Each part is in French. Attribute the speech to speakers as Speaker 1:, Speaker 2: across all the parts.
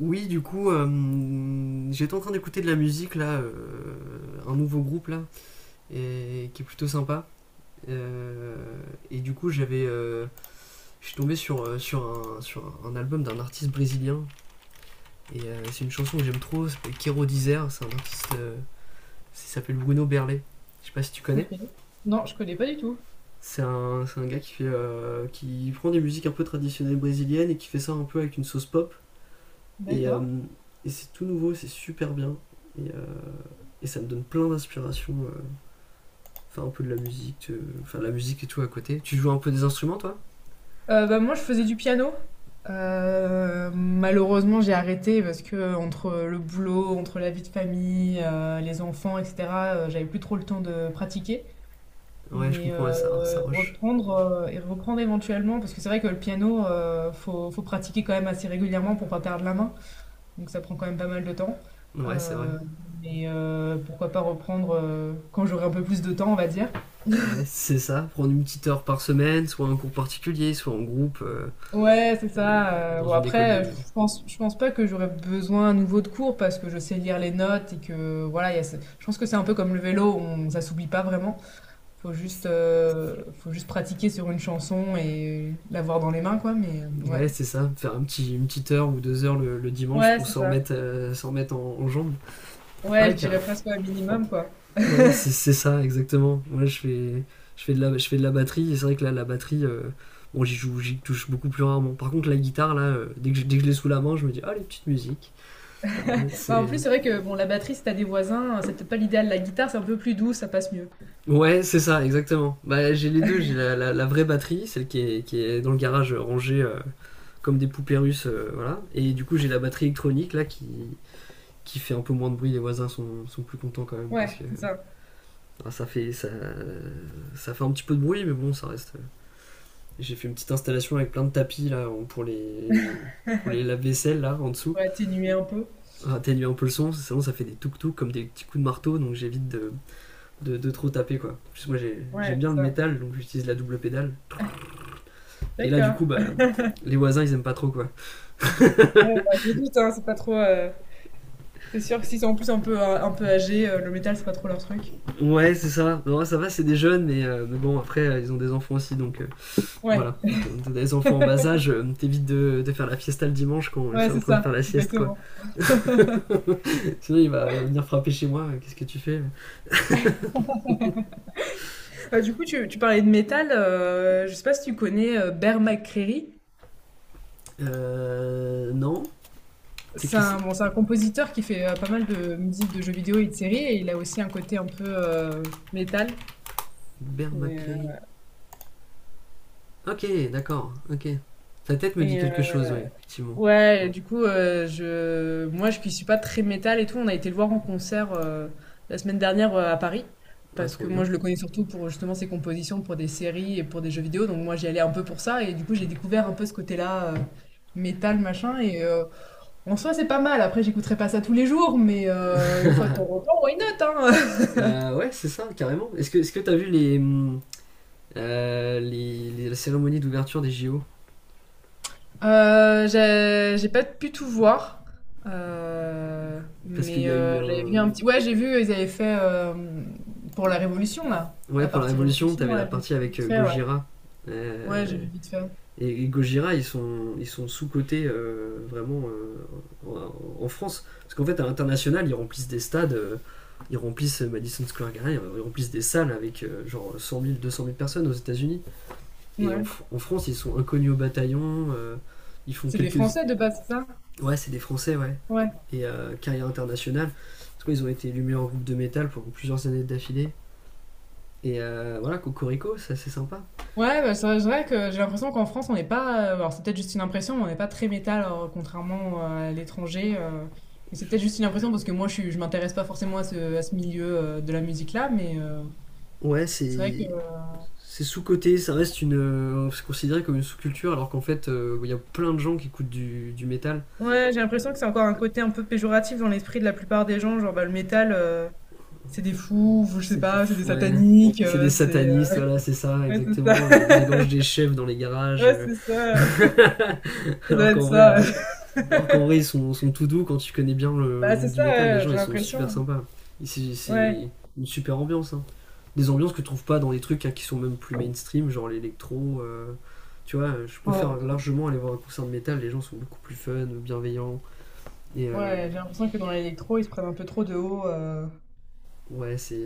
Speaker 1: Oui, du coup, j'étais en train d'écouter de la musique là, un nouveau groupe là, qui est plutôt sympa. Euh, et du coup, je suis tombé sur un album d'un artiste brésilien. C'est une chanson que j'aime trop, ça s'appelle Quero Dizer. C'est un artiste, il s'appelle Bruno Berlet. Je sais pas si tu connais.
Speaker 2: OK. Non, je connais pas du tout.
Speaker 1: C'est un gars qui fait, qui prend des musiques un peu traditionnelles brésiliennes et qui fait ça un peu avec une sauce pop. Et, euh,
Speaker 2: D'accord.
Speaker 1: et c'est tout nouveau, c'est super bien. Et euh, Et ça me donne plein d'inspiration. Enfin, un peu de la musique, enfin, la musique et tout à côté. Tu joues un peu des instruments, toi?
Speaker 2: Moi, je faisais du piano. Malheureusement, j'ai arrêté parce que entre le boulot, entre la vie de famille, les enfants et cetera, j'avais plus trop le temps de pratiquer.
Speaker 1: Ouais, je
Speaker 2: Mais,
Speaker 1: comprends, ouais,
Speaker 2: heu,
Speaker 1: ça roche.
Speaker 2: Reprendre, reprendre éventuellement parce que c'est vrai que le piano, faut pratiquer quand même assez régulièrement pour pas perdre la main. Donc ça prend quand même pas mal de temps.
Speaker 1: Ouais, c'est vrai.
Speaker 2: Heu, Pourquoi pas reprendre, quand j'aurai un peu plus de temps, on va dire.
Speaker 1: Ouais, c'est ça. Prendre une petite heure par semaine, soit un cours particulier, soit en groupe,
Speaker 2: Ouais, c'est
Speaker 1: et
Speaker 2: ça. heu,
Speaker 1: dans
Speaker 2: bon
Speaker 1: une école de.
Speaker 2: après, je pense pas que j'aurais besoin à nouveau de cours parce que je sais lire les notes et que voilà, il y a ce je pense que c'est un peu comme le vélo, on ça s'oublie pas vraiment. Faut juste pratiquer sur une chanson et l'avoir dans les mains quoi, mais ouais.
Speaker 1: Ouais, c'est ça. Faire une petite heure ou deux heures le dimanche
Speaker 2: Ouais,
Speaker 1: pour
Speaker 2: c'est ça.
Speaker 1: s'en remettre en jambes.
Speaker 2: Ouais,
Speaker 1: Ouais,
Speaker 2: je
Speaker 1: carrément.
Speaker 2: dirais presque un minimum quoi.
Speaker 1: Ouais, c'est ça, exactement. Moi, je fais de la batterie, et c'est vrai que là, la batterie, bon, j'y joue, j'y touche beaucoup plus rarement. Par contre, la guitare, là, dès que je l'ai sous la main, je me dis, ah, les petites musiques. Allez,
Speaker 2: Bah, en
Speaker 1: c'est...
Speaker 2: plus, c'est vrai que bon, la batterie, si tu des voisins, c'est peut-être pas l'idéal. La guitare, c'est un peu plus doux, ça passe mieux.
Speaker 1: Ouais, c'est ça, exactement. Bah, j'ai les deux, j'ai la vraie batterie, celle qui est dans le garage rangée comme des poupées russes, voilà. Et du coup, j'ai la batterie électronique, qui fait un peu moins de bruit. Les voisins sont plus contents quand même, parce
Speaker 2: Ouais,
Speaker 1: que
Speaker 2: c'est ça.
Speaker 1: ah, ça, fait, ça, ça fait un petit peu de bruit, mais bon, ça reste. J'ai fait une petite installation avec plein de tapis là pour les lave-vaisselle là en dessous,
Speaker 2: Pour atténuer un peu.
Speaker 1: atténuer un peu le son, sinon ça fait des touc touc comme des petits coups de marteau donc j'évite de trop taper quoi. Parce que j'aime
Speaker 2: Ouais,
Speaker 1: bien
Speaker 2: c'est
Speaker 1: le
Speaker 2: ça.
Speaker 1: métal donc j'utilise la double pédale. Et là du
Speaker 2: D'accord.
Speaker 1: coup bah les voisins ils aiment pas trop quoi.
Speaker 2: Ouais, bah, je me doute, hein, c'est pas trop, c'est sûr que s'ils sont en plus un peu âgés, le métal, c'est pas trop leur truc.
Speaker 1: Ouais c'est ça, non, ça va, c'est des jeunes, mais bon après ils ont des enfants aussi donc
Speaker 2: Ouais,
Speaker 1: voilà. T'as des enfants en bas âge, t'évites de faire la fiesta le dimanche quand
Speaker 2: ouais,
Speaker 1: c'est en
Speaker 2: c'est
Speaker 1: train de
Speaker 2: ça,
Speaker 1: faire la sieste quoi.
Speaker 2: exactement.
Speaker 1: Sinon il va venir frapper chez moi, qu'est-ce que tu fais?
Speaker 2: Du coup, tu parlais de métal, je sais pas si tu connais Bear McCreary.
Speaker 1: Non. C'est
Speaker 2: C'est
Speaker 1: Chris
Speaker 2: un, bon, c'est un compositeur qui fait pas mal de musique de jeux vidéo et de séries, et il a aussi un côté un peu métal.
Speaker 1: Bert
Speaker 2: Et, euh,
Speaker 1: McCray. Ok, d'accord. Ok. Sa tête me dit
Speaker 2: et,
Speaker 1: quelque
Speaker 2: euh,
Speaker 1: chose, oui, effectivement.
Speaker 2: Ouais, et du coup, je moi je qui suis pas très métal et tout, on a été le voir en concert, la semaine dernière, à Paris.
Speaker 1: Ah,
Speaker 2: Parce
Speaker 1: trop
Speaker 2: que moi
Speaker 1: bien.
Speaker 2: je le connais surtout pour justement ses compositions pour des séries et pour des jeux vidéo, donc moi j'y allais un peu pour ça et du coup j'ai découvert un peu ce côté-là, métal machin et en soi c'est pas mal. Après j'écouterai pas ça tous les jours, mais une fois de temps en temps, why not, hein?
Speaker 1: Ouais, c'est ça, carrément. Est-ce que t'as vu la cérémonie d'ouverture des JO?
Speaker 2: J'ai pas pu tout voir, heu,
Speaker 1: Parce qu'il
Speaker 2: mais
Speaker 1: y a
Speaker 2: heu,
Speaker 1: eu
Speaker 2: j'avais
Speaker 1: un.
Speaker 2: vu un petit ouais, j'ai vu, ils avaient fait, pour la Révolution, là,
Speaker 1: Ouais,
Speaker 2: la
Speaker 1: pour la
Speaker 2: partie
Speaker 1: Révolution,
Speaker 2: Révolution,
Speaker 1: t'avais la
Speaker 2: ouais, j'ai vu
Speaker 1: partie avec
Speaker 2: vite fait, ouais.
Speaker 1: Gojira.
Speaker 2: Ouais, j'ai
Speaker 1: Euh,
Speaker 2: vu vite fait.
Speaker 1: et Gojira, ils sont sous-cotés vraiment en, en France. Parce qu'en fait, à l'international, ils remplissent des stades, ils remplissent Madison Square Garden, ils remplissent des salles avec genre 100 000, 200 000 personnes aux États-Unis. Et en,
Speaker 2: Ouais.
Speaker 1: en France, ils sont inconnus au bataillon, ils font
Speaker 2: C'est des
Speaker 1: quelques.
Speaker 2: Français, de base, c'est ça?
Speaker 1: Ouais, c'est des Français, ouais.
Speaker 2: Ouais.
Speaker 1: Carrière internationale. Parce qu'ils ont été élus meilleur groupe de métal pendant plusieurs années d'affilée. Voilà, Cocorico, ça c'est assez sympa.
Speaker 2: Ouais, bah, c'est vrai que j'ai l'impression qu'en France, on n'est pas, alors c'est peut-être juste une impression, mais on n'est pas très métal, contrairement, à l'étranger, mais c'est peut-être juste une impression parce que moi, je m'intéresse pas forcément à ce milieu, de la musique-là, mais
Speaker 1: Ouais,
Speaker 2: c'est vrai que
Speaker 1: c'est. C'est sous-côté, ça reste une. C'est considéré comme une sous-culture, alors qu'en fait, il y a plein de gens qui écoutent du métal.
Speaker 2: ouais, j'ai l'impression que c'est encore un côté un peu péjoratif dans l'esprit de la plupart des gens, genre bah, le métal, c'est des fous, ou je sais
Speaker 1: C'est des.
Speaker 2: pas, c'est des
Speaker 1: Ouais.
Speaker 2: sataniques,
Speaker 1: C'est des
Speaker 2: c'est...
Speaker 1: satanistes,
Speaker 2: euh,
Speaker 1: voilà, c'est ça,
Speaker 2: Ouais, c'est
Speaker 1: exactement.
Speaker 2: ça,
Speaker 1: Ils égorgent des chefs dans les garages.
Speaker 2: ouais, c'est ça, ça doit
Speaker 1: Alors
Speaker 2: être
Speaker 1: qu'en vrai,
Speaker 2: ça.
Speaker 1: euh, Alors qu'en vrai, ils sont tout doux quand tu connais bien le
Speaker 2: Bah c'est
Speaker 1: monde du
Speaker 2: ça,
Speaker 1: métal. Les
Speaker 2: ouais,
Speaker 1: gens,
Speaker 2: j'ai
Speaker 1: ils sont super
Speaker 2: l'impression.
Speaker 1: sympas. C'est
Speaker 2: Ouais.
Speaker 1: une super ambiance, hein. Des ambiances que tu trouves pas dans les trucs hein, qui sont même plus mainstream, genre l'électro. Tu vois, je
Speaker 2: Ouais,
Speaker 1: préfère largement aller voir un concert de métal. Les gens sont beaucoup plus fun, bienveillants. Et euh,
Speaker 2: ouais, j'ai l'impression que dans l'électro, ils se prennent un peu trop de haut.
Speaker 1: ouais, c'est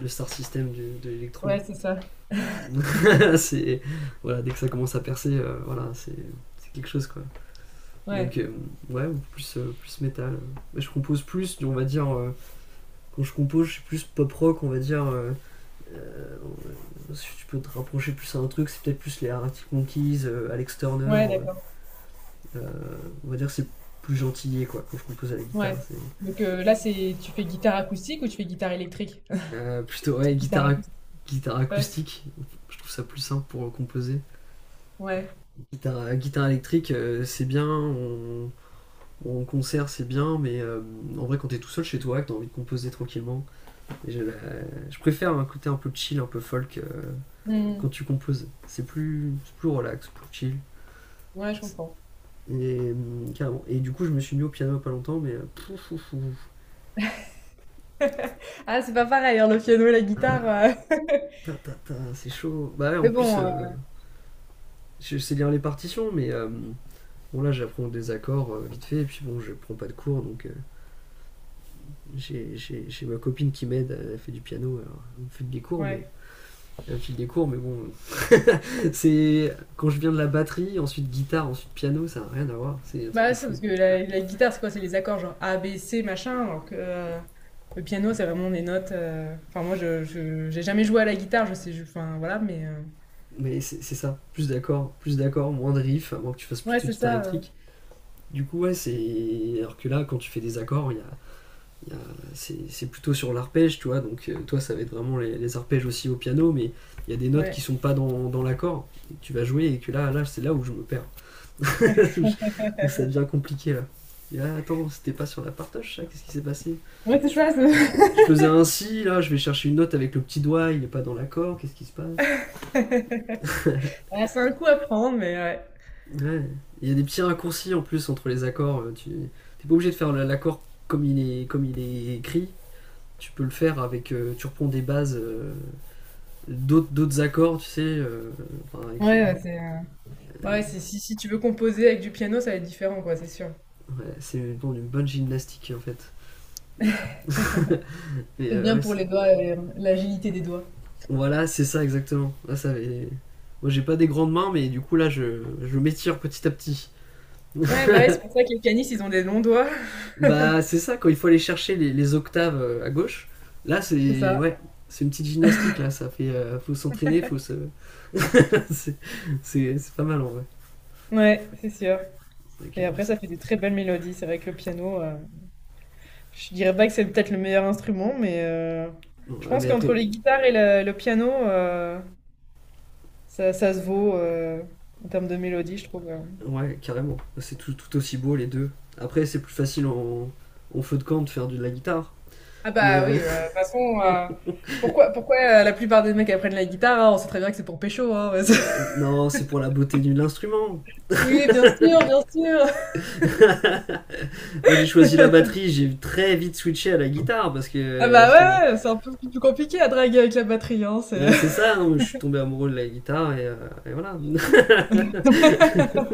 Speaker 1: le star system de l'électro.
Speaker 2: Ouais, c'est ça.
Speaker 1: c'est voilà, dès que ça commence à percer, voilà, c'est quelque chose quoi. Donc
Speaker 2: Ouais.
Speaker 1: euh, ouais, plus plus métal. Je compose plus, on va dire. Quand je compose, je suis plus pop rock, on va dire. Si tu peux te rapprocher plus à un truc, c'est peut-être plus les Arctic Monkeys, Alex Turner.
Speaker 2: Ouais, d'accord.
Speaker 1: Euh, euh, on va dire c'est plus gentillier quoi quand je compose à la guitare.
Speaker 2: Ouais. Là, c'est tu fais guitare acoustique ou tu fais guitare électrique?
Speaker 1: Plutôt ouais
Speaker 2: Guitare acoustique.
Speaker 1: guitare
Speaker 2: Ouais.
Speaker 1: acoustique. Je trouve ça plus simple pour composer.
Speaker 2: Ouais.
Speaker 1: Guitare électrique, c'est bien. On... En concert, c'est bien, en vrai, quand t'es tout seul chez toi, que t'as envie de composer tranquillement, je préfère un côté un peu chill, un peu folk
Speaker 2: Hmm.
Speaker 1: quand tu composes. C'est plus relax, plus chill.
Speaker 2: Ouais, je comprends.
Speaker 1: Et, carrément. Et du coup, je me suis mis au piano pas longtemps, mais pouf, pouf, pouf.
Speaker 2: Ah, c'est pas pareil, hein, le piano et la guitare.
Speaker 1: Ah,
Speaker 2: euh.
Speaker 1: ta, ta, ta, c'est chaud. Bah ouais, en
Speaker 2: Mais
Speaker 1: plus,
Speaker 2: bon, euh,
Speaker 1: je sais lire les partitions. Mais. Bon là j'apprends des accords vite fait et puis bon je prends pas de cours donc j'ai ma copine qui m'aide, elle fait du piano, alors elle me file des cours mais
Speaker 2: ouais.
Speaker 1: elle me file des cours mais bon c'est quand je viens de la batterie, ensuite guitare, ensuite piano, ça n'a rien à voir, c'est un truc
Speaker 2: Bah,
Speaker 1: de
Speaker 2: c'est
Speaker 1: fou.
Speaker 2: parce que la guitare, c'est quoi? C'est les accords genre A, B, C, machin. Alors que le piano, c'est vraiment des notes. Enfin, moi, j'ai jamais joué à la guitare, enfin, voilà, mais.
Speaker 1: Mais c'est ça, plus d'accords, moins de riffs, à moins que tu fasses plus
Speaker 2: Ouais,
Speaker 1: de
Speaker 2: c'est
Speaker 1: guitare
Speaker 2: ça.
Speaker 1: électrique. Du coup, ouais, c'est. Alors que là, quand tu fais des accords, il y a- c'est plutôt sur l'arpège, tu vois. Donc, toi, ça va être vraiment les arpèges aussi au piano, mais il y a des notes qui
Speaker 2: Ouais.
Speaker 1: sont pas dans l'accord. Et que tu vas jouer et que là c'est là où je me perds. où, je- Où ça devient compliqué, là. Et là, attends, c'était pas sur la partage, ça? Qu'est-ce qui s'est passé?
Speaker 2: Ouais, c'est
Speaker 1: je,
Speaker 2: ça. C'est
Speaker 1: je faisais un si là, je vais chercher une note avec le petit doigt, il est pas dans l'accord, qu'est-ce qui se passe?
Speaker 2: Ah, c'est un coup à prendre, mais ouais.
Speaker 1: Ouais. Il y a des petits raccourcis en plus entre les accords. Tu n'es pas obligé de faire l'accord comme il est écrit. Tu peux le faire avec. Tu reprends des bases d'autres accords, tu sais. Enfin, avec-
Speaker 2: Ouais, ouais, c'est. euh,
Speaker 1: euh,
Speaker 2: Ouais, c'est- si, si tu veux composer avec du piano, ça va être différent, quoi, c'est sûr.
Speaker 1: ouais, c'est une, bon, une bonne gymnastique en fait. Mais
Speaker 2: C'est bien
Speaker 1: ouais,
Speaker 2: pour
Speaker 1: c'est-
Speaker 2: les doigts, l'agilité des doigts.
Speaker 1: voilà, c'est ça exactement. Là, ça avait- Moi j'ai pas des grandes mains, mais du coup là je m'étire petit à petit.
Speaker 2: Ouais, bah ouais, c'est pour ça que les canisses, ils ont des longs doigts.
Speaker 1: Bah c'est ça, quand il faut aller chercher les octaves à gauche, là
Speaker 2: C'est
Speaker 1: c'est.
Speaker 2: ça.
Speaker 1: Ouais, c'est une petite gymnastique là, ça fait. Faut s'entraîner, faut se. c'est c'est pas mal en vrai.
Speaker 2: Ouais, c'est sûr.
Speaker 1: Donc,
Speaker 2: Et après,
Speaker 1: c'est-
Speaker 2: ça fait des très belles mélodies. C'est vrai que le piano, je dirais pas que c'est peut-être le meilleur instrument, mais
Speaker 1: Bon,
Speaker 2: je
Speaker 1: ah,
Speaker 2: pense
Speaker 1: mais après,
Speaker 2: qu'entre les guitares et le piano, ça, ça se vaut en termes de mélodie, je trouve.
Speaker 1: ouais, carrément. C'est tout aussi beau les deux. Après, c'est plus facile en feu de camp de faire de la guitare.
Speaker 2: Ah
Speaker 1: Mais
Speaker 2: bah oui, de toute façon, pourquoi, pourquoi la plupart des mecs apprennent la guitare? Hein, on sait très bien que c'est pour pécho, hein.
Speaker 1: non, c'est pour la beauté de l'instrument.
Speaker 2: Oui, bien sûr, bien sûr.
Speaker 1: Moi, j'ai choisi la batterie, j'ai très vite switché à la guitare parce
Speaker 2: Ah
Speaker 1: que.
Speaker 2: bah
Speaker 1: parce que-
Speaker 2: ouais, ouais, c'est un peu plus compliqué à draguer avec la batterie, hein.
Speaker 1: ouais, c'est ça, hein, je suis tombé amoureux de la guitare et voilà.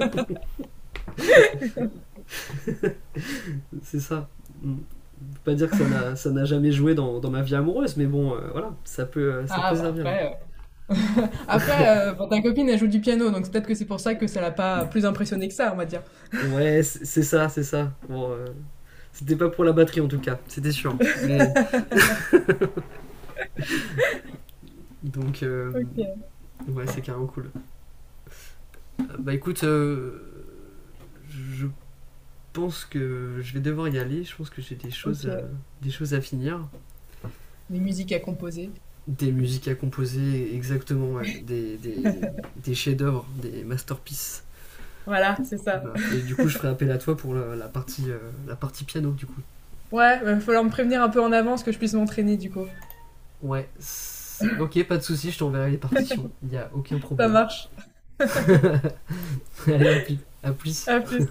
Speaker 1: C'est ça. Mm. Je peux pas dire que ça n'a jamais joué dans ma vie amoureuse, mais bon, voilà, ça
Speaker 2: Ah
Speaker 1: peut
Speaker 2: bah
Speaker 1: servir.
Speaker 2: après. Après, bon, ta copine, elle joue du piano, donc c'est peut-être que c'est pour ça que ça l'a pas plus impressionnée que ça, on va dire.
Speaker 1: Ouais, c'est ça, c'est ça. Bon, c'était pas pour la batterie en tout cas, c'était sûr. Mais donc,
Speaker 2: OK,
Speaker 1: ouais, c'est carrément cool. Bah écoute, je pense que je vais devoir y aller. Je pense que j'ai
Speaker 2: OK.
Speaker 1: des choses à finir,
Speaker 2: Les musiques à composer.
Speaker 1: des musiques à composer, exactement, ouais. Des chefs-d'œuvre, des masterpieces.
Speaker 2: Voilà, c'est ça.
Speaker 1: Voilà. Et du coup, je ferai appel à toi pour la partie piano, du coup.
Speaker 2: Ouais, bah, il va falloir me prévenir un peu en avance que je puisse m'entraîner du coup.
Speaker 1: Ouais, c'est- Ok, pas de souci, je t'enverrai les partitions. Il y a aucun
Speaker 2: Ça
Speaker 1: problème.
Speaker 2: marche.
Speaker 1: Allez, à plus. À plus.
Speaker 2: À plus.